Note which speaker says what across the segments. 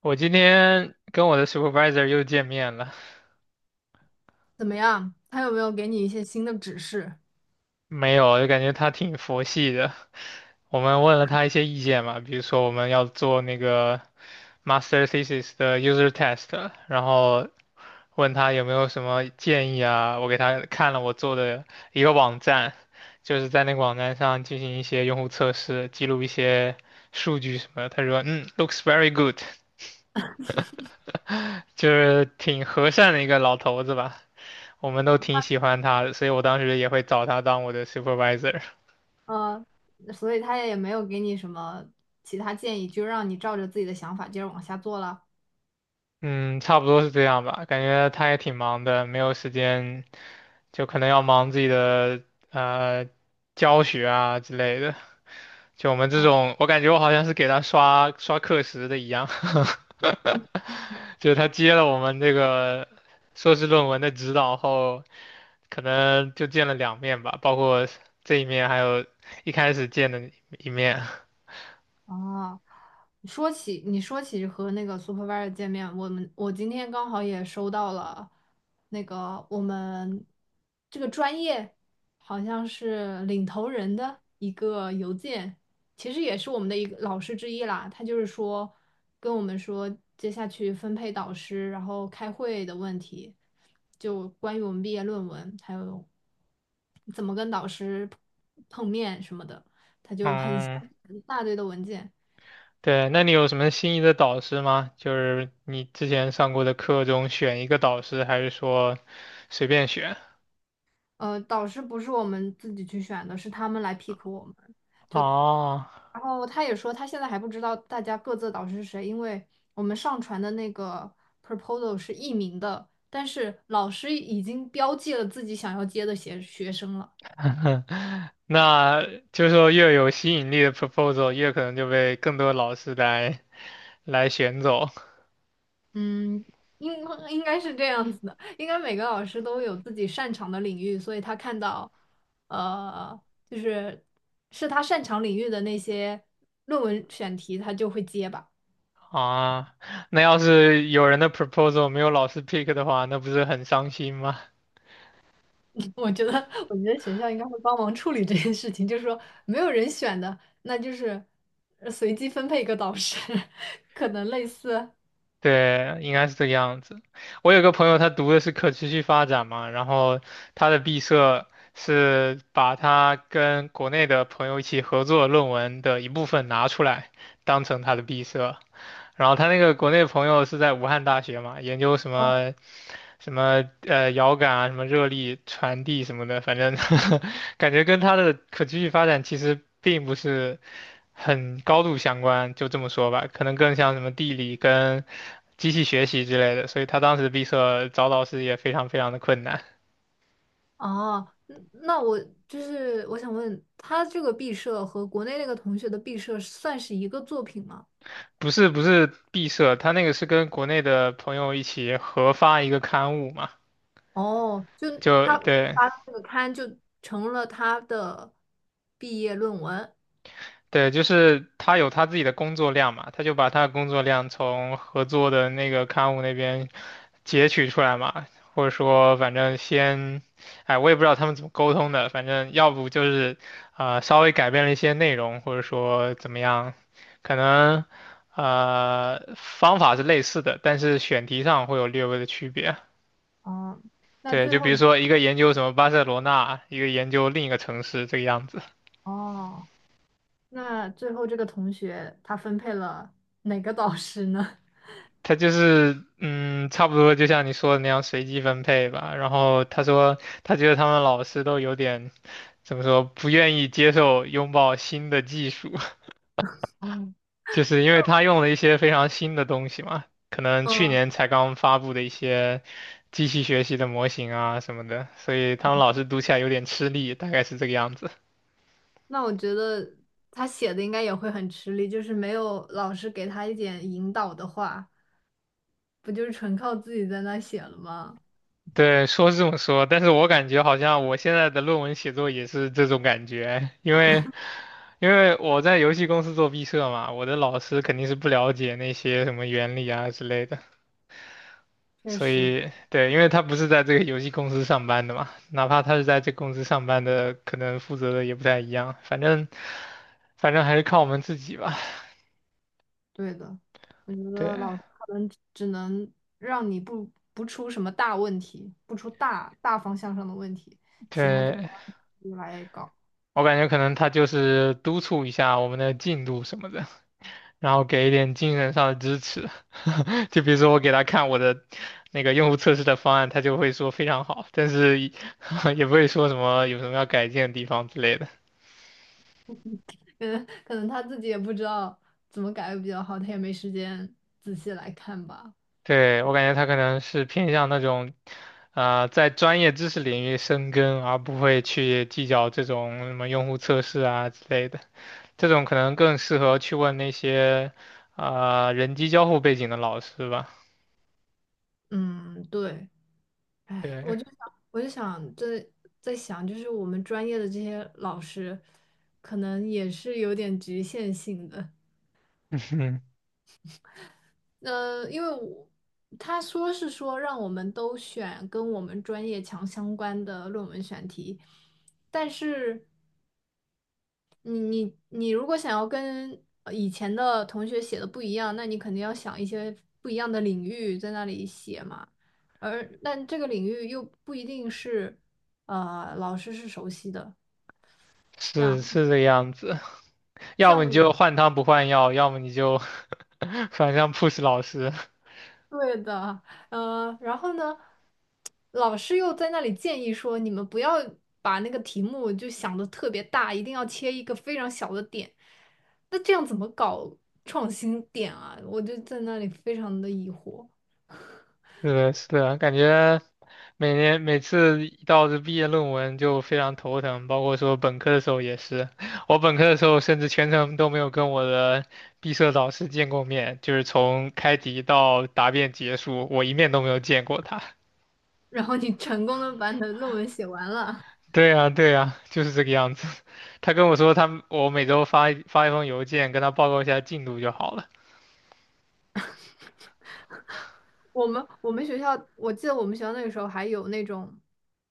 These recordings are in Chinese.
Speaker 1: 我今天跟我的 supervisor 又见面了，
Speaker 2: 怎么样？他有没有给你一些新的指示？
Speaker 1: 没有，就感觉他挺佛系的。我们问了他一些意见嘛，比如说我们要做那个 master thesis 的 user test，然后问他有没有什么建议啊。我给他看了我做的一个网站，就是在那个网站上进行一些用户测试，记录一些数据什么的。他说，嗯，looks very good，就是挺和善的一个老头子吧。我们都挺喜欢他的，所以我当时也会找他当我的 supervisor。
Speaker 2: 呃，所以他也没有给你什么其他建议，就让你照着自己的想法接着往下做了。
Speaker 1: 嗯，差不多是这样吧，感觉他也挺忙的，没有时间，就可能要忙自己的呃教学啊之类的。就我们这种，我感觉我好像是给他刷刷课时的一样，就是他接了我们这个硕士论文的指导后，可能就见了2面吧，包括这一面，还有一开始见的一面。
Speaker 2: 哦，说起和那个 supervisor 见面，我今天刚好也收到了那个我们这个专业好像是领头人的一个邮件，其实也是我们的一个老师之一啦。他就是说跟我们说接下去分配导师，然后开会的问题，就关于我们毕业论文，还有怎么跟导师碰面什么的，就很
Speaker 1: 嗯。
Speaker 2: 一大堆的文件。
Speaker 1: 对，那你有什么心仪的导师吗？就是你之前上过的课中选一个导师，还是说随便选？
Speaker 2: 呃，导师不是我们自己去选的，是他们来 pick 我们。
Speaker 1: 哦，
Speaker 2: 然后他也说，他现在还不知道大家各自的导师是谁，因为我们上传的那个 proposal 是匿名的，但是老师已经标记了自己想要接的学生了。
Speaker 1: 那就是说越有吸引力的 proposal，越可能就被更多老师来选走
Speaker 2: 嗯，应应该是这样子的，应该每个老师都有自己擅长的领域，所以他看到，呃，就是是他擅长领域的那些论文选题，他就会接吧。
Speaker 1: 啊。那要是有人的 proposal 没有老师 pick 的话，那不是很伤心吗？
Speaker 2: 我觉得学校应该会帮忙处理这件事情，就是说没有人选的，那就是随机分配一个导师，可能类似。
Speaker 1: 对，应该是这个样子。我有个朋友，他读的是可持续发展嘛，然后他的毕设是把他跟国内的朋友一起合作论文的一部分拿出来，当成他的毕设。然后他那个国内朋友是在武汉大学嘛，研究什么什么遥感啊，什么热力传递什么的，反正 感觉跟他的可持续发展其实并不是很高度相关，就这么说吧，可能更像什么地理跟。机器学习之类的，所以他当时毕设找老师也非常非常的困难。
Speaker 2: 哦，嗯那我我想问，他这个毕设和国内那个同学的毕设算是一个作品吗？
Speaker 1: 不是不是毕设，他那个是跟国内的朋友一起合发一个刊物嘛，
Speaker 2: 哦，就
Speaker 1: 就
Speaker 2: 他
Speaker 1: 对
Speaker 2: 发的那个刊就成了他的毕业论文。
Speaker 1: 对，就是他有他自己的工作量嘛，他就把他的工作量从合作的那个刊物那边截取出来嘛，或者说反正先，哎，我也不知道他们怎么沟通的，反正要不就是稍微改变了一些内容，或者说怎么样，可能方法是类似的，但是选题上会有略微的区别。
Speaker 2: 哦，那
Speaker 1: 对，
Speaker 2: 最
Speaker 1: 就比
Speaker 2: 后，
Speaker 1: 如说一个研究什么巴塞罗那，一个研究另一个城市这个样子。
Speaker 2: 哦，那最后这个同学他分配了哪个导师呢？
Speaker 1: 他就是差不多就像你说的那样随机分配吧。然后他说，他觉得他们老师都有点怎么说，不愿意接受拥抱新的技术，就是因为他用了一些非常新的东西嘛，可 能去
Speaker 2: 嗯。
Speaker 1: 年才刚发布的一些机器学习的模型啊什么的，所以他们老师读起来有点吃力，大概是这个样子。
Speaker 2: 那我觉得他写的应该也会很吃力，就是没有老师给他一点引导的话，不就是纯靠自己在那写了吗？
Speaker 1: 对，说是这么说，但是我感觉好像我现在的论文写作也是这种感觉，因为我在游戏公司做毕设嘛，我的老师肯定是不了解那些什么原理啊之类的，
Speaker 2: 确
Speaker 1: 所
Speaker 2: 实，
Speaker 1: 以对，因为他不是在这个游戏公司上班的嘛，哪怕他是在这公司上班的，可能负责的也不太一样，反正还是靠我们自己吧。
Speaker 2: 对的。我觉
Speaker 1: 对
Speaker 2: 得老师可能只能让你不出什么大问题，不出大方向上的问题，其他就
Speaker 1: 对，
Speaker 2: 自己来搞。
Speaker 1: 我感觉可能他就是督促一下我们的进度什么的。然后给一点精神上的支持。就比如说我给他看我的那个用户测试的方案，他就会说非常好，但是也 也不会说什么有什么要改进的地方之类的。
Speaker 2: 嗯，可能他自己也不知道怎么改会比较好，他也没时间仔细来看吧。
Speaker 1: 对，我感觉他可能是偏向那种，在专业知识领域深耕，而不会去计较这种什么用户测试啊之类的。这种可能更适合去问那些，人机交互背景的老师吧。
Speaker 2: 嗯，对。哎，
Speaker 1: 对，
Speaker 2: 我就想在想，就是我们专业的这些老师，可能也是有点局限性的。呃，因为我他说是说让我们都选跟我们专业强相关的论文选题，但是你如果想要跟以前的同学写的不一样，那你肯定要想一些不一样的领域在那里写嘛。但这个领域又不一定是老师是熟悉的。
Speaker 1: 是
Speaker 2: 像
Speaker 1: 是这个样子。要
Speaker 2: 像
Speaker 1: 么你
Speaker 2: 我
Speaker 1: 就换汤不换药，要么你就 反向 push 老师。
Speaker 2: 对的，然后呢，老师又在那里建议说，你们不要把那个题目就想的特别大，一定要切一个非常小的点。那这样怎么搞创新点啊？我就在那里非常的疑惑。
Speaker 1: 对的，是的，感觉每年每次一到这毕业论文就非常头疼，包括说本科的时候也是。我本科的时候甚至全程都没有跟我的毕设导师见过面，就是从开题到答辩结束，我一面都没有见过他。
Speaker 2: 然后你成功的把你的论文写完了。
Speaker 1: 对呀，对呀，就是这个样子。他跟我说他，我每周发一封邮件跟他报告一下进度就好了。
Speaker 2: 我们学校，我记得我们学校那个时候还有那种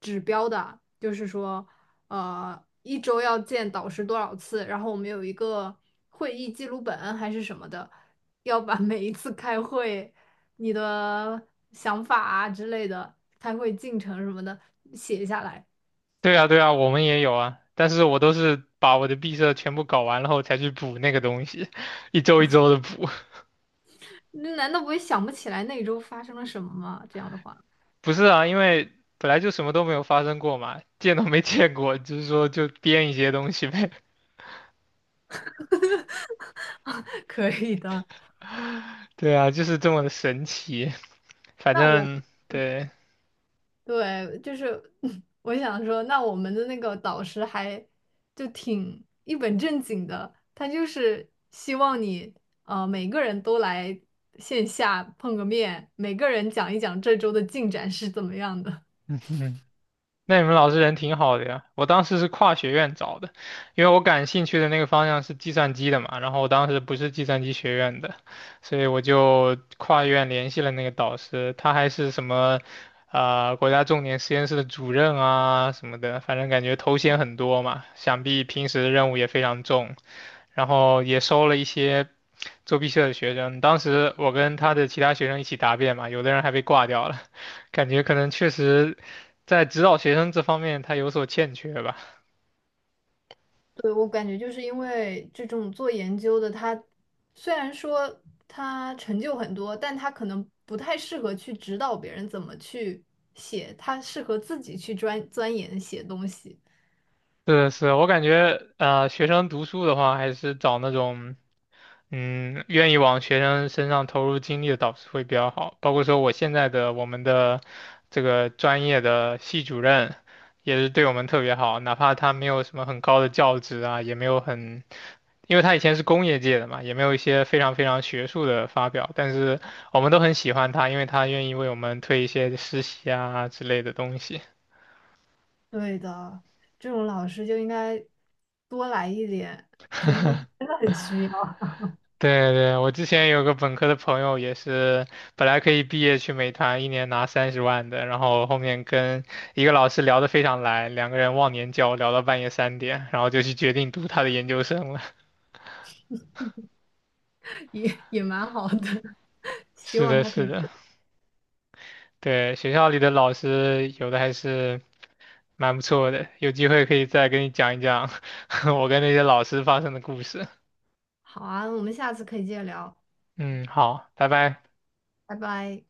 Speaker 2: 指标的，就是说，一周要见导师多少次，然后我们有一个会议记录本还是什么的，要把每一次开会你的想法啊之类的，开会进程什么的写下来。
Speaker 1: 对啊，对啊，我们也有啊，但是我都是把我的毕设全部搞完了后才去补那个东西，一周一周的补。
Speaker 2: 那难道不会想不起来那一周发生了什么吗？这样的话，
Speaker 1: 不是啊，因为本来就什么都没有发生过嘛，见都没见过，就是说就编一些东西呗。
Speaker 2: 可以的。
Speaker 1: 对啊，就是这么的神奇。反
Speaker 2: 那我。
Speaker 1: 正对，
Speaker 2: 对，就是 我想说，那我们的那个导师还就挺一本正经的，他就是希望你每个人都来线下碰个面，每个人讲一讲这周的进展是怎么样的。
Speaker 1: 嗯哼，那你们老师人挺好的呀，我当时是跨学院找的，因为我感兴趣的那个方向是计算机的嘛，然后我当时不是计算机学院的，所以我就跨院联系了那个导师，他还是什么，国家重点实验室的主任啊什么的，反正感觉头衔很多嘛，想必平时的任务也非常重，然后也收了一些作弊社的学生，当时我跟他的其他学生一起答辩嘛，有的人还被挂掉了，感觉可能确实。在指导学生这方面他有所欠缺吧。
Speaker 2: 对，我感觉就是因为这种做研究的，他虽然说他成就很多，但他可能不太适合去指导别人怎么去写，他适合自己去钻研写东西。
Speaker 1: 是的是的我感觉学生读书的话，还是找那种愿意往学生身上投入精力的导师会比较好。包括说我们的这个专业的系主任。也是对我们特别好，哪怕他没有什么很高的教职啊，也没有很因为他以前是工业界的嘛，也没有一些非常非常学术的发表，但是我们都很喜欢他，因为他愿意为我们推一些实习啊之类的东西。
Speaker 2: 对的，这种老师就应该多来一点，学生真的很需要，
Speaker 1: 对对，我之前有个本科的朋友也是，本来可以毕业去美团，一年拿30万的，然后后面跟一个老师聊得非常来，2个人忘年交聊到半夜3点，然后就去决定读他的研究生了。
Speaker 2: 也蛮好的，希
Speaker 1: 是
Speaker 2: 望
Speaker 1: 的，
Speaker 2: 他可
Speaker 1: 是
Speaker 2: 以。
Speaker 1: 的，对，学校里的老师有的还是蛮不错的，有机会可以再跟你讲一讲 我跟那些老师发生的故事。
Speaker 2: 好啊，我们下次可以接着聊，
Speaker 1: 嗯，好，拜拜。
Speaker 2: 拜拜。